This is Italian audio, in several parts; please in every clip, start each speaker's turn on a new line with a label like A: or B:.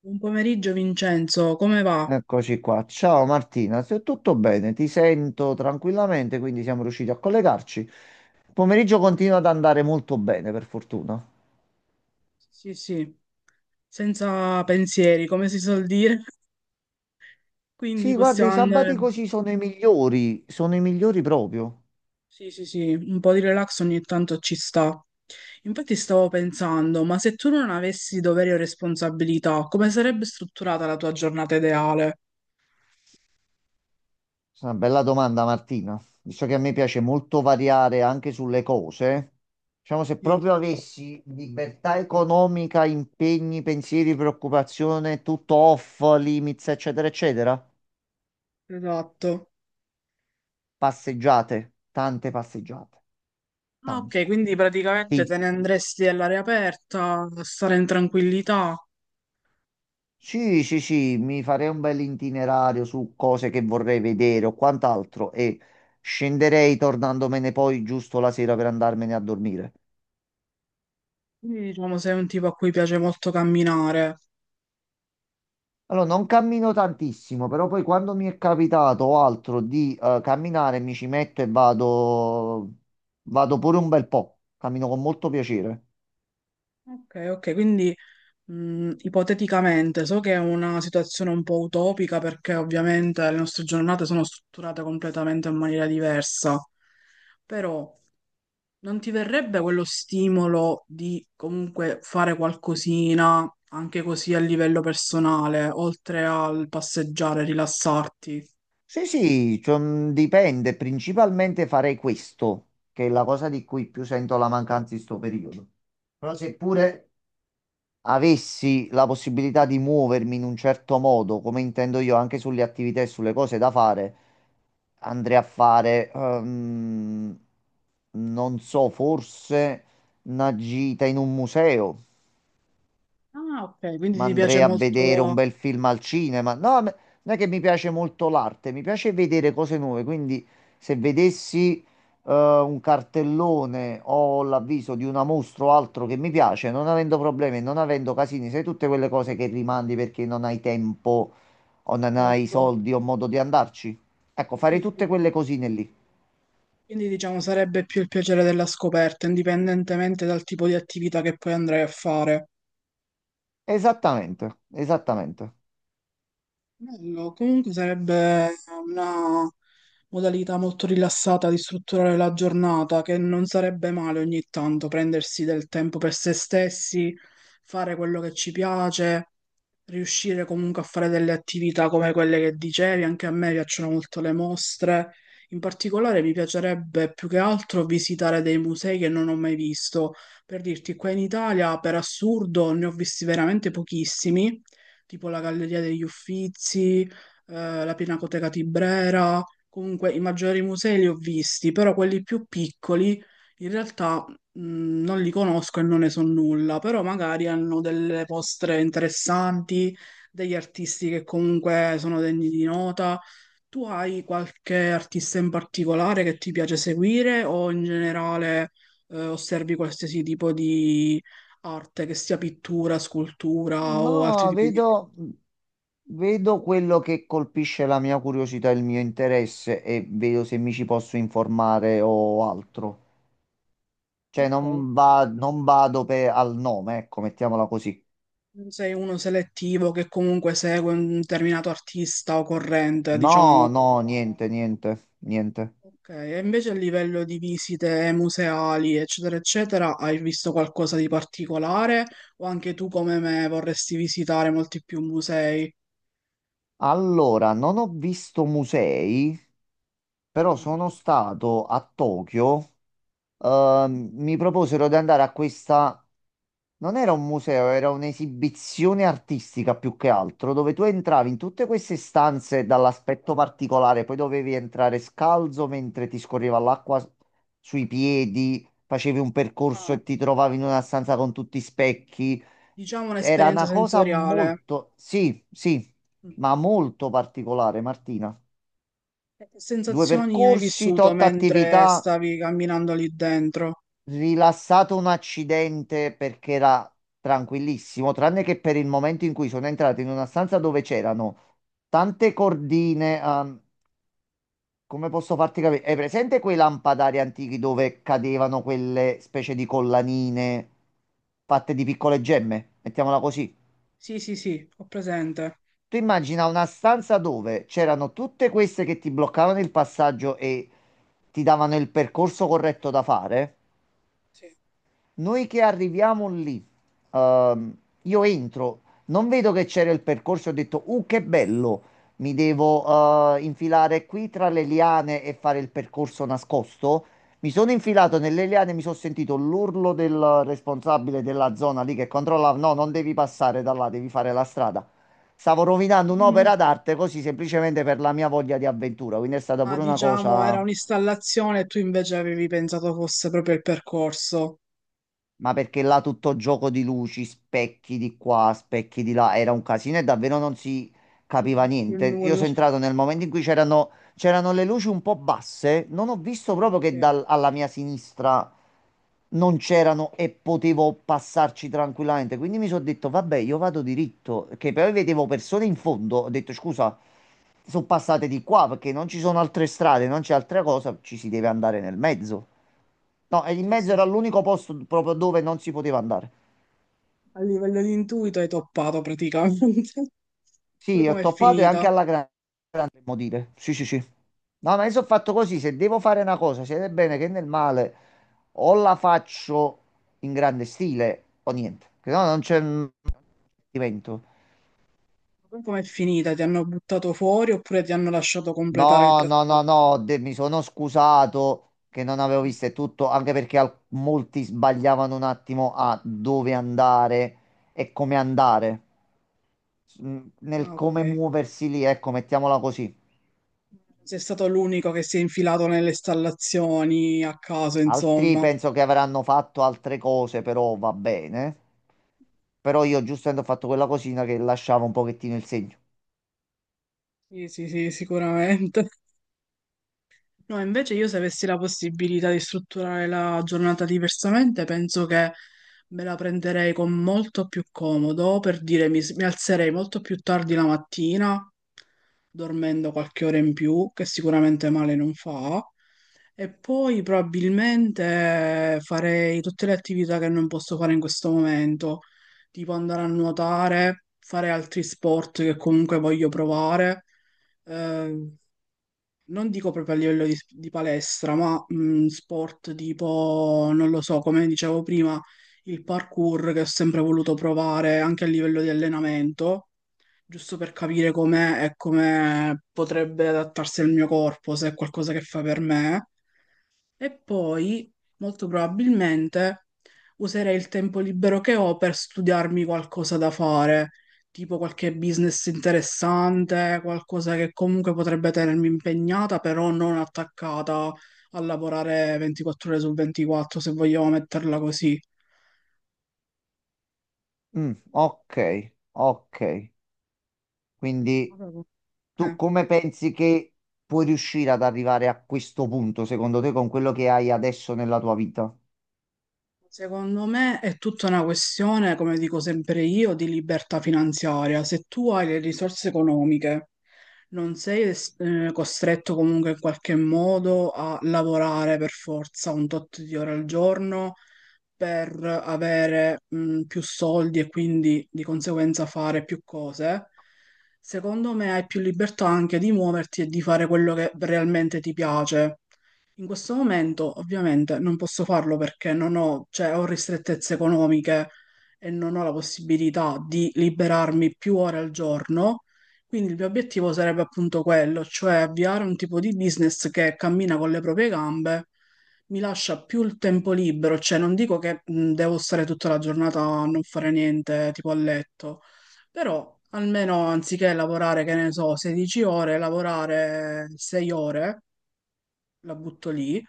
A: Buon pomeriggio Vincenzo, come va?
B: Eccoci qua. Ciao Martina, se tutto bene, ti sento tranquillamente, quindi siamo riusciti a collegarci. Il pomeriggio continua ad andare molto bene, per fortuna.
A: Sì, sì, senza pensieri, come si suol dire, quindi
B: Sì, guarda, i
A: possiamo
B: sabati
A: andare.
B: così sono i migliori proprio.
A: Sì, sì, sì, un po' di relax ogni tanto ci sta. Infatti stavo pensando, ma se tu non avessi doveri o responsabilità, come sarebbe strutturata la tua giornata ideale?
B: È una bella domanda, Martina. Visto che a me piace molto variare anche sulle cose, diciamo se
A: Sì,
B: proprio avessi libertà economica, impegni, pensieri, preoccupazione, tutto off, limits, eccetera, eccetera,
A: esatto.
B: passeggiate, tante passeggiate.
A: Ah, ok,
B: Tante.
A: quindi
B: Sì,
A: praticamente te ne andresti all'aria aperta, a stare in tranquillità.
B: sì, sì, sì, mi farei un bel itinerario su cose che vorrei vedere o quant'altro e scenderei tornandomene poi giusto la sera per andarmene a dormire.
A: Quindi diciamo sei un tipo a cui piace molto camminare.
B: Allora, non cammino tantissimo, però poi quando mi è capitato o altro di camminare mi ci metto e vado, vado pure un bel po'. Cammino con molto piacere.
A: Ok, ok, quindi ipoteticamente, so che è una situazione un po' utopica perché ovviamente le nostre giornate sono strutturate completamente in maniera diversa, però non ti verrebbe quello stimolo di comunque fare qualcosina anche così a livello personale, oltre al passeggiare, rilassarti?
B: Sì, sì, cioè, dipende. Principalmente farei questo, che è la cosa di cui più sento la mancanza in sto periodo. Però seppure avessi la possibilità di muovermi in un certo modo, come intendo io, anche sulle attività e sulle cose da fare, andrei a fare, non so, forse una gita in un museo.
A: Ah, ok, quindi
B: Ma
A: ti piace
B: andrei a vedere un
A: molto
B: bel film al cinema. No, non è che mi piace molto l'arte, mi piace vedere cose nuove. Quindi, se vedessi un cartellone o l'avviso di una mostra o altro che mi piace, non avendo problemi, non avendo casini, sai tutte quelle cose che rimandi perché non hai tempo o non hai
A: fatto.
B: soldi o modo di andarci. Ecco, farei
A: Sì, sì,
B: tutte
A: sì.
B: quelle cosine lì.
A: Quindi diciamo sarebbe più il piacere della scoperta, indipendentemente dal tipo di attività che poi andrai a fare.
B: Esattamente, esattamente.
A: Bello, comunque sarebbe una modalità molto rilassata di strutturare la giornata, che non sarebbe male ogni tanto prendersi del tempo per se stessi, fare quello che ci piace, riuscire comunque a fare delle attività come quelle che dicevi. Anche a me piacciono molto le mostre. In particolare mi piacerebbe più che altro visitare dei musei che non ho mai visto. Per dirti, qua in Italia, per assurdo, ne ho visti veramente pochissimi, tipo la Galleria degli Uffizi, la Pinacoteca Tibrera, comunque i maggiori musei li ho visti, però quelli più piccoli in realtà non li conosco e non ne so nulla, però magari hanno delle mostre interessanti, degli artisti che comunque sono degni di nota. Tu hai qualche artista in particolare che ti piace seguire o in generale osservi qualsiasi tipo di arte, che sia pittura, scultura o altri
B: No,
A: tipi di arte?
B: vedo, vedo quello che colpisce la mia curiosità, e il mio interesse e vedo se mi ci posso informare o altro. Cioè,
A: Ok.
B: non vado per, al nome, ecco, mettiamola così.
A: Non sei uno selettivo che comunque segue un determinato artista o corrente,
B: No,
A: diciamo.
B: no, niente, niente, niente.
A: Ok, e invece a livello di visite museali, eccetera, eccetera, hai visto qualcosa di particolare o anche tu come me vorresti visitare molti più musei?
B: Allora, non ho visto musei, però
A: Mm.
B: sono stato a Tokyo. Mi proposero di andare a questa Non era un museo, era un'esibizione artistica più che altro, dove tu entravi in tutte queste stanze dall'aspetto particolare, poi dovevi entrare scalzo mentre ti scorreva l'acqua sui piedi, facevi un percorso
A: Ah,
B: e ti trovavi in una stanza con tutti i specchi.
A: diciamo
B: Era
A: un'esperienza
B: una cosa
A: sensoriale.
B: molto, sì, sì,
A: Mm.
B: ma molto particolare, Martina.
A: Che
B: Due
A: sensazioni hai
B: percorsi,
A: vissuto
B: tot
A: mentre
B: attività.
A: stavi camminando lì dentro?
B: Rilassato un accidente perché era tranquillissimo, tranne che per il momento in cui sono entrato in una stanza dove c'erano tante cordine. Come posso farti capire? È presente quei lampadari antichi dove cadevano quelle specie di collanine fatte di piccole gemme? Mettiamola così.
A: Sì, sì, sì, ho presente.
B: Tu immagina una stanza dove c'erano tutte queste che ti bloccavano il passaggio e ti davano il percorso corretto da fare.
A: Sì.
B: Noi che arriviamo lì, ehm, io entro, non vedo che c'era il percorso, ho detto, che bello, mi devo infilare qui tra le liane e fare il percorso nascosto. Mi sono infilato nelle liane, mi sono sentito l'urlo del responsabile della zona lì che controllava, no, non devi passare da là, devi fare la strada. Stavo rovinando un'opera d'arte così semplicemente per la mia voglia di avventura, quindi è stata
A: Ah,
B: pure una
A: diciamo, era
B: cosa.
A: un'installazione e tu invece avevi pensato fosse proprio il percorso.
B: Ma perché là tutto gioco di luci, specchi di qua, specchi di là, era un casino e davvero non si
A: Sì,
B: capiva
A: più
B: niente. Io
A: nulla.
B: sono entrato nel momento in cui c'erano le luci un po' basse, non ho visto
A: Eh,
B: proprio che
A: eh,
B: alla mia sinistra non c'erano e potevo passarci tranquillamente. Quindi mi sono detto, vabbè, io vado diritto, che poi vedevo persone in fondo, ho detto, scusa, sono passate di qua perché non ci sono altre strade, non c'è altra cosa, ci si deve andare nel mezzo. No, e in
A: Sì,
B: mezzo
A: sì,
B: era
A: sì.
B: l'unico posto proprio dove non si poteva andare.
A: A livello di intuito hai toppato praticamente. Poi
B: Sì, ho
A: com'è
B: toppato e anche
A: finita?
B: grande, potremmo dire. Sì, sì, sì. No, ma io sono fatto così, se devo fare una cosa, sia nel bene che nel male, o la faccio in grande stile o niente. Che no,
A: Mm.
B: non c'è un divertimento.
A: Poi com'è finita? Ti hanno buttato fuori oppure ti hanno lasciato completare il
B: No, no, no,
A: percorso?
B: no, mi sono scusato che non avevo
A: Mm.
B: visto e tutto, anche perché molti sbagliavano un attimo a dove andare e come andare. Nel
A: Ah,
B: come
A: ok.
B: muoversi lì, ecco, mettiamola così.
A: Sei stato l'unico che si è infilato nelle installazioni a caso,
B: Altri
A: insomma.
B: penso che avranno fatto altre cose, però va bene. Però io giustamente ho fatto quella cosina che lasciava un pochettino il segno.
A: Sì, sì, sì, sicuramente. No, invece io se avessi la possibilità di strutturare la giornata diversamente, penso che me la prenderei con molto più comodo, per dire mi alzerei molto più tardi la mattina, dormendo qualche ora in più, che sicuramente male non fa, e poi probabilmente farei tutte le attività che non posso fare in questo momento, tipo andare a nuotare, fare altri sport che comunque voglio provare. ehm, Non dico proprio a livello di palestra, ma sport tipo, non lo so, come dicevo prima, il parkour che ho sempre voluto provare anche a livello di allenamento, giusto per capire com'è e come potrebbe adattarsi al mio corpo, se è qualcosa che fa per me. E poi, molto probabilmente, userei il tempo libero che ho per studiarmi qualcosa da fare, tipo qualche business interessante, qualcosa che comunque potrebbe tenermi impegnata, però non attaccata a lavorare 24 ore su 24, se vogliamo metterla così.
B: Mm, ok, ok. Quindi
A: Eh.
B: tu come pensi che puoi riuscire ad arrivare a questo punto, secondo te, con quello che hai adesso nella tua vita?
A: Secondo me è tutta una questione, come dico sempre io, di libertà finanziaria. Se tu hai le risorse economiche, non sei costretto comunque in qualche modo a lavorare per forza un tot di ore al giorno per avere più soldi e quindi di conseguenza fare più cose. Secondo me hai più libertà anche di muoverti e di fare quello che realmente ti piace. In questo momento ovviamente non posso farlo perché non ho, cioè, ho ristrettezze economiche e non ho la possibilità di liberarmi più ore al giorno, quindi il mio obiettivo sarebbe appunto quello, cioè avviare un tipo di business che cammina con le proprie gambe, mi lascia più il tempo libero, cioè non dico che devo stare tutta la giornata a non fare niente, tipo a letto, però almeno anziché lavorare, che ne so, 16 ore, lavorare 6 ore, la butto lì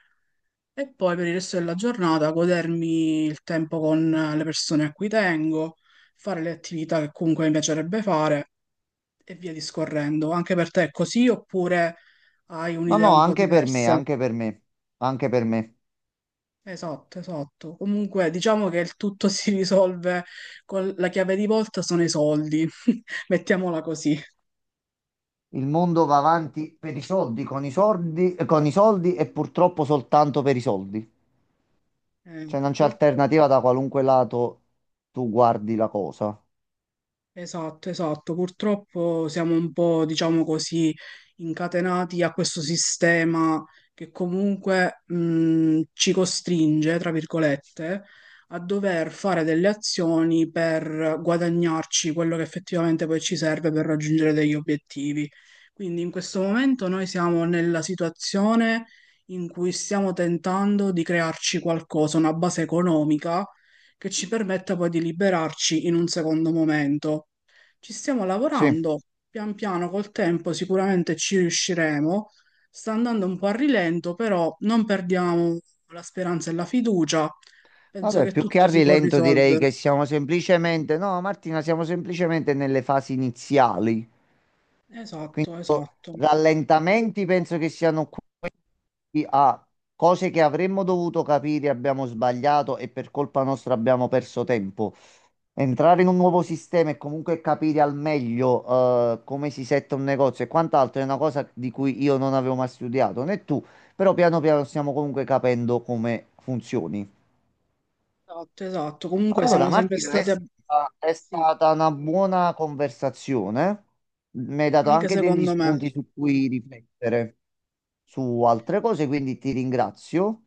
A: e poi per il resto della giornata godermi il tempo con le persone a cui tengo, fare le attività che comunque mi piacerebbe fare e via discorrendo. Anche per te è così oppure hai
B: No,
A: un'idea
B: no,
A: un po'
B: anche per me,
A: diversa?
B: anche per me, anche per me.
A: Esatto, esatto. Comunque diciamo che il tutto si risolve con la chiave di volta sono i soldi, mettiamola così.
B: Il mondo va avanti per i soldi, con i soldi, con i soldi e purtroppo soltanto per i soldi. Cioè non c'è
A: Purtroppo.
B: alternativa da qualunque lato tu guardi la cosa.
A: Esatto, esatto. Purtroppo siamo un po', diciamo così, incatenati a questo sistema che comunque ci costringe, tra virgolette, a dover fare delle azioni per guadagnarci quello che effettivamente poi ci serve per raggiungere degli obiettivi. Quindi in questo momento noi siamo nella situazione in cui stiamo tentando di crearci qualcosa, una base economica che ci permetta poi di liberarci in un secondo momento. Ci stiamo
B: Sì.
A: lavorando, pian piano col tempo sicuramente ci riusciremo. Sta andando un po' a rilento, però non perdiamo la speranza e la fiducia. Penso
B: Vabbè,
A: che
B: più che a
A: tutto si può
B: rilento direi
A: risolvere.
B: che siamo semplicemente, no, Martina, siamo semplicemente nelle fasi iniziali. Quindi
A: Esatto, esatto.
B: rallentamenti penso che siano chi ha cose che avremmo dovuto capire, abbiamo sbagliato e per colpa nostra abbiamo perso tempo. Entrare in un nuovo
A: Esatto,
B: sistema e comunque capire al meglio come si setta un negozio e quant'altro è una cosa di cui io non avevo mai studiato, né tu, però piano piano stiamo comunque capendo come funzioni.
A: esatto. Comunque
B: Allora,
A: siamo sempre
B: Martina,
A: stati... ab-
B: è
A: Sì,
B: stata una buona conversazione. Mi hai
A: sì,
B: dato
A: anche
B: anche degli
A: secondo me.
B: spunti su cui riflettere su altre cose, quindi ti ringrazio.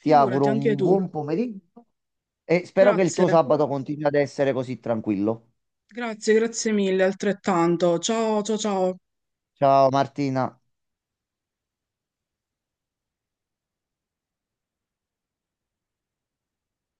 B: Ti auguro
A: anche
B: un
A: tu.
B: buon pomeriggio e spero che il
A: Grazie,
B: tuo sabato continui ad essere così tranquillo.
A: grazie, grazie mille, altrettanto. Ciao, ciao, ciao.
B: Ciao Martina.